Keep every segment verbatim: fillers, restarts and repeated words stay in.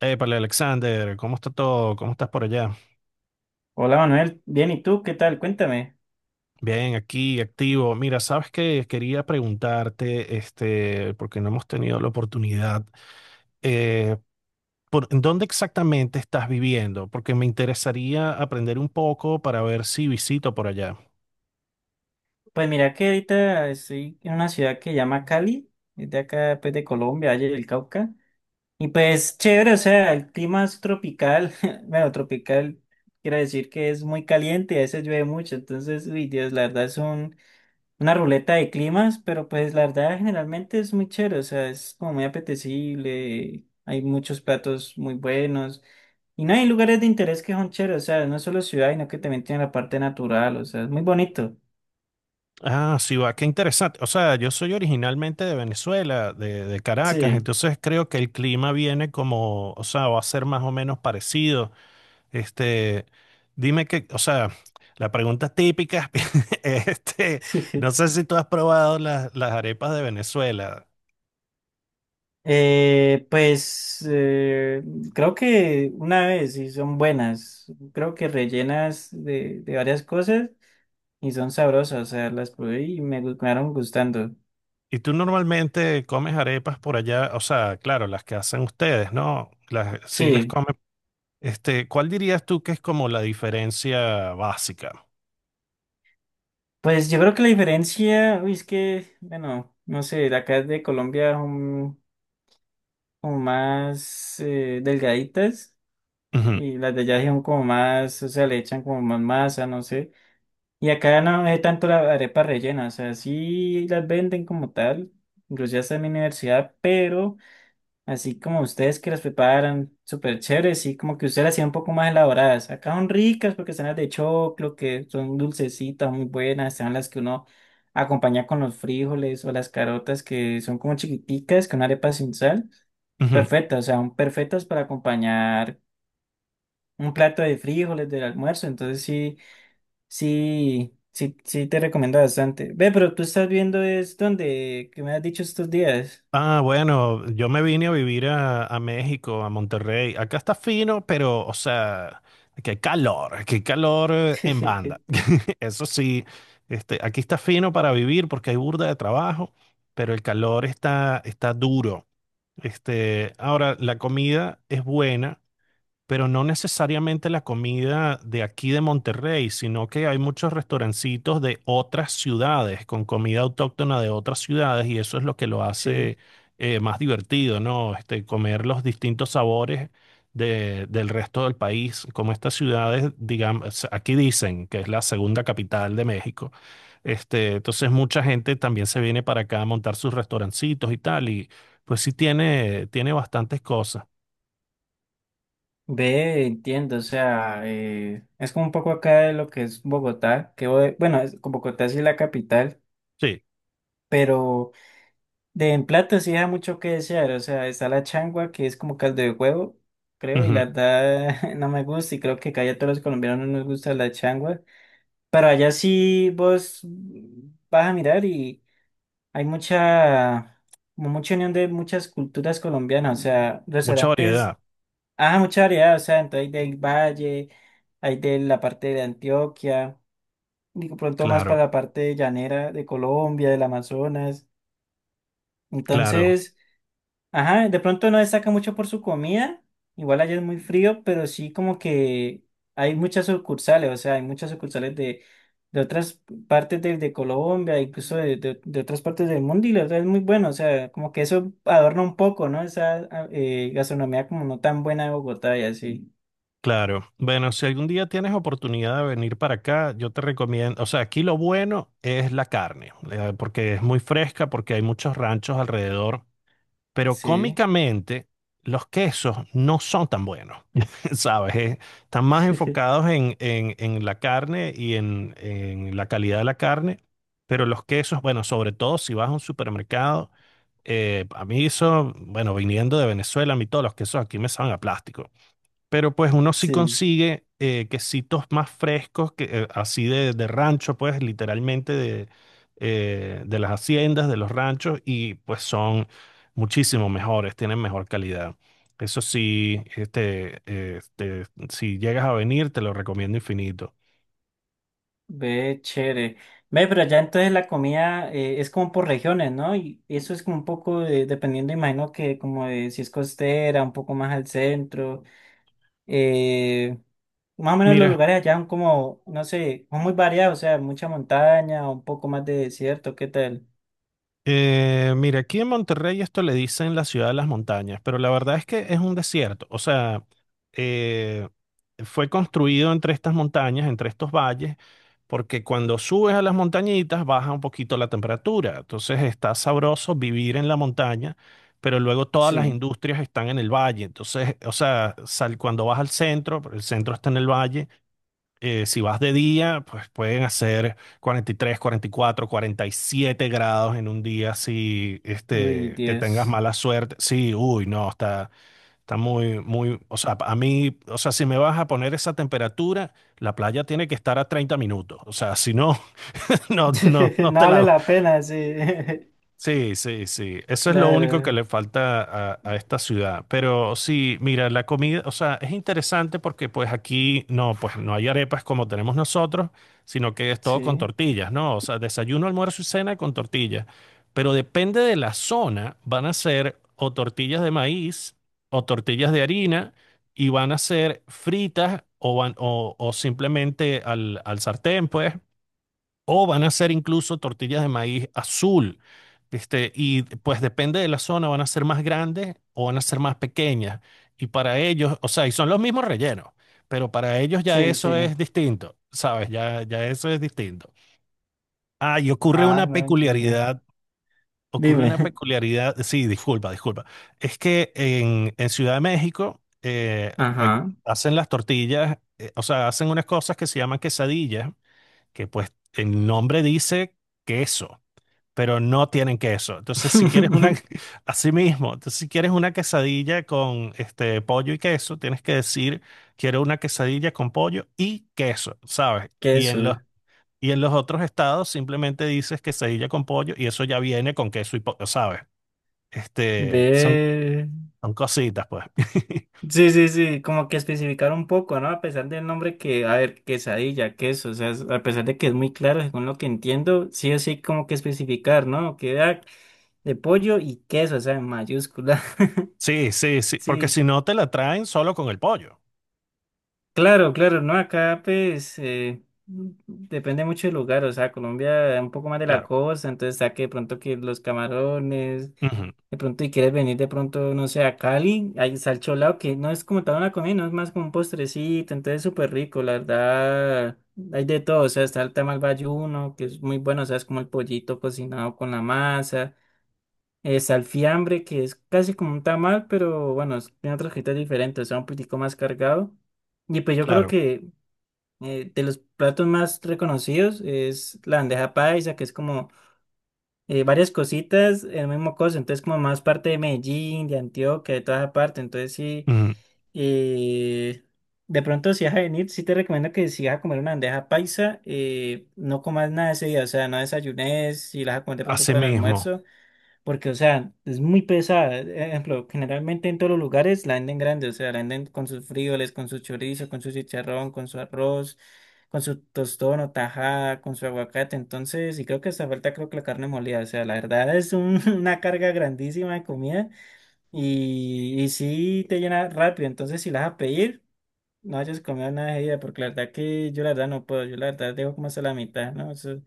Épale, Alexander, ¿cómo está todo? ¿Cómo estás por allá? Hola Manuel, bien, ¿y tú qué tal? Cuéntame. Bien, aquí, activo. Mira, sabes que quería preguntarte, este, porque no hemos tenido la oportunidad, eh, por, ¿dónde exactamente estás viviendo? Porque me interesaría aprender un poco para ver si visito por allá. Pues mira que ahorita estoy en una ciudad que se llama Cali, es de acá pues de Colombia, Valle del Cauca. Y pues chévere, o sea, el clima es tropical, bueno, tropical quiere decir que es muy caliente y a veces llueve mucho, entonces, uy, Dios, la verdad es un, una ruleta de climas, pero pues la verdad generalmente es muy chévere, o sea, es como muy apetecible, hay muchos platos muy buenos y no hay lugares de interés que son chéveres, o sea, no solo ciudad, sino que también tiene la parte natural, o sea, es muy bonito. Ah, sí, va, qué interesante. O sea, yo soy originalmente de Venezuela, de, de Caracas, Sí. entonces creo que el clima viene como, o sea, va a ser más o menos parecido. Este, dime que, o sea, la pregunta típica, este, no sé si tú has probado las, las arepas de Venezuela. Eh, pues eh, creo que una vez y son buenas, creo que rellenas de, de varias cosas y son sabrosas, o sea, las probé y me gu- me quedaron gustando. Y tú normalmente comes arepas por allá, o sea, claro, las que hacen ustedes, ¿no? Las, sí las Sí. comen. Este, ¿cuál dirías tú que es como la diferencia básica? Pues yo creo que la diferencia, uy, es que, bueno, no sé, de acá de Colombia son como más eh, delgaditas, Ujú, y las de allá son como más, o sea, le echan como más masa, no sé. Y acá no es tanto la arepa rellena, o sea, sí las venden como tal, incluso hasta en mi universidad, pero así como ustedes que las preparan súper chéveres, y como que ustedes las hacían un poco más elaboradas. Acá son ricas porque están las de choclo, que son dulcecitas, muy buenas. Están las que uno acompaña con los frijoles o las carotas, que son como chiquiticas, con arepa sin sal. ujú. Perfectas, o sea, son perfectas para acompañar un plato de frijoles del almuerzo. Entonces sí, sí, sí, sí te recomiendo bastante. Ve, pero tú estás viendo es donde, que me has dicho estos días. Ah, bueno, yo me vine a vivir a, a México, a Monterrey. Acá está fino, pero, o sea, qué calor, qué calor eh, en banda. Eso sí, este, aquí está fino para vivir porque hay burda de trabajo, pero el calor está, está duro. Este, ahora, la comida es buena pero no necesariamente la comida de aquí de Monterrey, sino que hay muchos restaurancitos de otras ciudades con comida autóctona de otras ciudades y eso es lo que lo Sí. hace eh, más divertido, ¿no? Este, comer los distintos sabores de- del resto del país, como estas ciudades, digamos, aquí dicen que es la segunda capital de México. Este, entonces mucha gente también se viene para acá a montar sus restaurancitos y tal, y pues sí tiene, tiene bastantes cosas. Ve, entiendo, o sea, eh, es como un poco acá de lo que es Bogotá, que bo- bueno, es- como Bogotá sí es la capital, Sí, pero de en plato sí da mucho que desear, o sea, está la changua que es como caldo de huevo, creo, y ujú. la verdad no me gusta y creo que casi a todos los colombianos no nos gusta la changua, pero allá sí vos vas a mirar y hay mucha, como mucha unión de muchas culturas colombianas, o sea, Mucha restaurantes. variedad. Ah, mucha variedad, o sea, entonces hay del valle, hay de la parte de Antioquia, digo pronto más para Claro, la parte llanera de Colombia, del Amazonas. claro, Entonces, ajá, de pronto no destaca mucho por su comida, igual allá es muy frío, pero sí como que hay muchas sucursales, o sea, hay muchas sucursales de, de otras partes de, de Colombia, incluso de, de- de otras partes del mundo, y la verdad es muy bueno, o sea, como que eso adorna un poco, ¿no? Esa ah, eh, gastronomía como no tan buena de Bogotá y así. claro. Bueno, si algún día tienes oportunidad de venir para acá, yo te recomiendo, o sea, aquí lo bueno es la carne, eh, porque es muy fresca, porque hay muchos ranchos alrededor, pero Sí. cómicamente los quesos no son tan buenos, ¿sabes? Eh, Están más enfocados en, en, en la carne y en, en la calidad de la carne, pero los quesos, bueno, sobre todo si vas a un supermercado, eh, a mí eso, bueno, viniendo de Venezuela, a mí todos los quesos aquí me saben a plástico. Pero pues uno sí Sí, consigue eh, quesitos más frescos, que, eh, así de, de rancho, pues literalmente de, eh, de las haciendas, de los ranchos, y pues son muchísimo mejores, tienen mejor calidad. Eso sí, este, este, si llegas a venir, te lo recomiendo infinito. ve chévere. Ve, pero ya entonces la comida eh, es como por regiones, ¿no? Y eso es como un poco de- dependiendo, imagino que como de si es costera, un poco más al centro. eh, más o menos los Mira, lugares allá son como, no sé, son muy variados, o sea, mucha montaña, un poco más de desierto, ¿qué tal? Eh, mira, aquí en Monterrey esto le dicen la ciudad de las montañas, pero la verdad es que es un desierto. O sea, eh, fue construido entre estas montañas, entre estos valles, porque cuando subes a las montañitas baja un poquito la temperatura. Entonces está sabroso vivir en la montaña, pero luego todas las Sí, industrias están en el valle. Entonces, o sea, sal, cuando vas al centro, el centro está en el valle eh, si vas de día, pues pueden hacer cuarenta cuarenta y y tres, cuarenta y cuatro, cuarenta y siete grados en un día si uy, este, que tengas Dios. mala suerte. Sí, uy, no, está, está muy, muy, o sea, a mí, o sea, si me vas a poner esa temperatura, la playa tiene que estar a treinta minutos. O sea, si no, no, no, no No te vale la. la pena, sí. Sí, sí, sí. Eso es lo único que Claro, le falta a, a esta ciudad. Pero sí, mira, la comida, o sea, es interesante porque pues aquí no, pues no hay arepas como tenemos nosotros, sino que es todo con sí. tortillas, ¿no? O sea, desayuno, almuerzo y cena con tortillas. Pero depende de la zona, van a ser o tortillas de maíz o tortillas de harina y van a ser fritas o, van, o, o simplemente al, al sartén, pues o van a ser incluso tortillas de maíz azul. Este, y pues depende de la zona, van a ser más grandes o van a ser más pequeñas. Y para ellos, o sea, y son los mismos rellenos, pero para ellos ya Sí, eso sí. es distinto, ¿sabes? Ya, ya eso es distinto. Ah, y ocurre Ah, una no entiendo. peculiaridad, ocurre una Dime. peculiaridad, sí, disculpa, disculpa. Es que en, en Ciudad de México eh, ac- Ajá. hacen las tortillas, eh, o sea, hacen unas cosas que se llaman quesadillas, que pues el nombre dice queso pero no tienen queso. Entonces, si quieres una, así mismo, entonces, si quieres una quesadilla con este pollo y queso, tienes que decir, quiero una quesadilla con pollo y queso, ¿sabes? Y en Queso. los, y en los otros estados simplemente dices quesadilla con pollo y eso ya viene con queso y pollo, ¿sabes? Este, son, Ve. son cositas, pues. Sí, sí, sí, como que especificar un poco, ¿no? A pesar del nombre que, a ver, quesadilla, queso, o sea, es- a pesar de que es muy claro, según lo que entiendo, sí o sí, como que especificar, ¿no? Que ah, de pollo y queso, o sea, en mayúscula. Sí, sí, sí, porque Sí. si no te la traen solo con el pollo, Claro, claro, no, acá pues eh, depende mucho del lugar, o sea, Colombia es un poco más de la claro. costa, entonces está que de pronto que los camarones, Ujú, de pronto y quieres venir de pronto, no sé, a Cali, hay salcholao que no es como tal una comida, no es más como un postrecito, entonces súper rico, la verdad, hay de todo, o sea, está el tamal bayuno, que es muy bueno, o sea, es como el pollito cocinado con la masa. Es alfiambre, que es casi como un tamal, pero bueno, es- tiene otros criterios diferentes, o sea, un poquitico más cargado. Y pues yo creo claro. que eh, de los platos más reconocidos es la bandeja paisa, que es como eh, varias cositas en el mismo cosa, entonces como más parte de Medellín, de Antioquia, de toda esa parte, entonces sí, Ujú, eh, de pronto si vas a venir, sí te recomiendo que si vas a comer una bandeja paisa, eh, no comas nada ese día, o sea, no desayunes, si la vas a comer de pronto así para el mismo, almuerzo. Porque, o sea, es muy pesada. E, Ejemplo, generalmente en todos los lugares la venden grande, o sea, la venden con sus frijoles, con su chorizo, con su chicharrón, con su arroz, con su tostón o tajada, con su aguacate. Entonces, y creo que hasta falta, creo que la carne molida. O sea, la verdad es un- una carga grandísima de comida y, y sí te llena rápido. Entonces, si la vas a pedir, no hayas comido nada de ella, porque la verdad que yo, la verdad no puedo, yo la verdad dejo como hasta la mitad, ¿no? Eso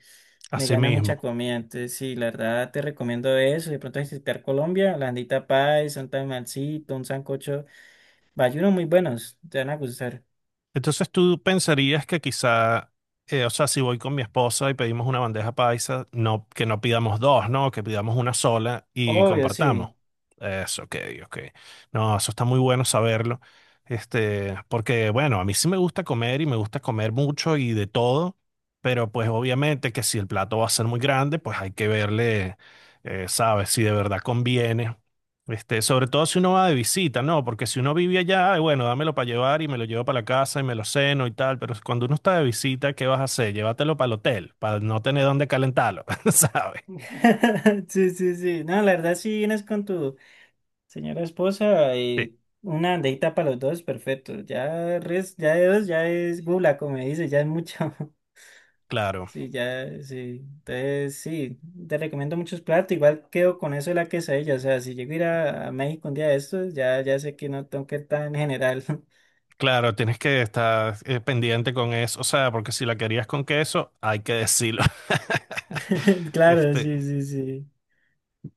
me así gana mucha mismo. comida, entonces sí, la verdad te recomiendo eso, de pronto visitar Colombia, la andita paisa, un tamalcito, un sancocho, bayunos muy buenos, te van a gustar. Entonces tú pensarías que quizá, eh, o sea, si voy con mi esposa y pedimos una bandeja paisa, no, que no pidamos dos, ¿no? Que pidamos una sola y Obvio, compartamos. sí. Eso, ok, ok. No, eso está muy bueno saberlo. Este, porque bueno, a mí sí me gusta comer y me gusta comer mucho y de todo, pero pues obviamente que si el plato va a ser muy grande, pues hay que verle, eh, ¿sabes? Si de verdad conviene este, sobre todo si uno va de visita, ¿no? Porque si uno vive allá, bueno, dámelo para llevar y me lo llevo para la casa y me lo ceno y tal, pero cuando uno está de visita, ¿qué vas a hacer? Llévatelo para el hotel, para no tener dónde calentarlo, ¿sabes? Sí, sí, sí. No, la verdad si vienes con tu señora esposa Sí, y una andita para los dos, perfecto. Ya res, ya de dos, ya es gula, como dice, ya es mucho. claro, Sí, ya, sí. Entonces, sí, te recomiendo muchos platos. Igual quedo con eso de la quesadilla. O sea, si llego a ir a, a México un día de estos, ya, ya sé que no tengo que ir tan general. claro, tienes que estar eh, pendiente con eso, o sea, porque si la querías con queso, hay que decirlo. Claro, Este, sí, sí, sí.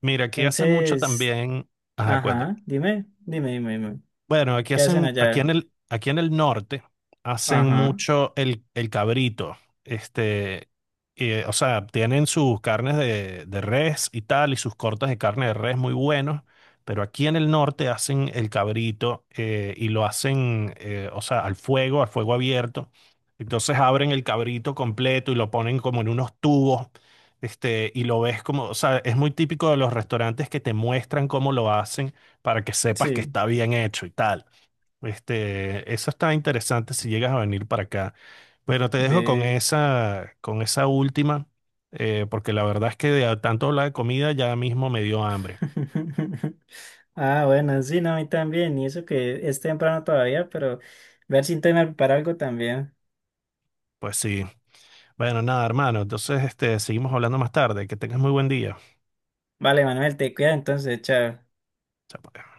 mira, aquí hace mucho Entonces, también, ajá, ajá, dime, dime, dime, dime. bueno, aquí ¿Qué hacen hacen, aquí en allá? el, aquí en el norte hacen Ajá, mucho el, el cabrito. Este, eh, o sea, tienen sus carnes de, de res y tal, y sus cortes de carne de res muy buenos, pero aquí en el norte hacen el cabrito eh, y lo hacen, eh, o sea, al fuego, al fuego abierto. Entonces abren el cabrito completo y lo ponen como en unos tubos. Este, y lo ves como, o sea, es muy típico de los restaurantes que te muestran cómo lo hacen para que sepas que sí, está bien hecho y tal. Este, eso está interesante si llegas a venir para acá. Pero te dejo con ve. esa, con esa última, eh, porque la verdad es que de a- tanto hablar de comida ya mismo me dio hambre. Ah, bueno, sí, no, a mí también. Y eso que es temprano todavía, pero ver si intento preparar algo también. Pues sí. Bueno, nada, hermano. Entonces, este, seguimos hablando más tarde. Que tengas muy buen día. Vale, Manuel, te cuida entonces, chao. Chao, pues.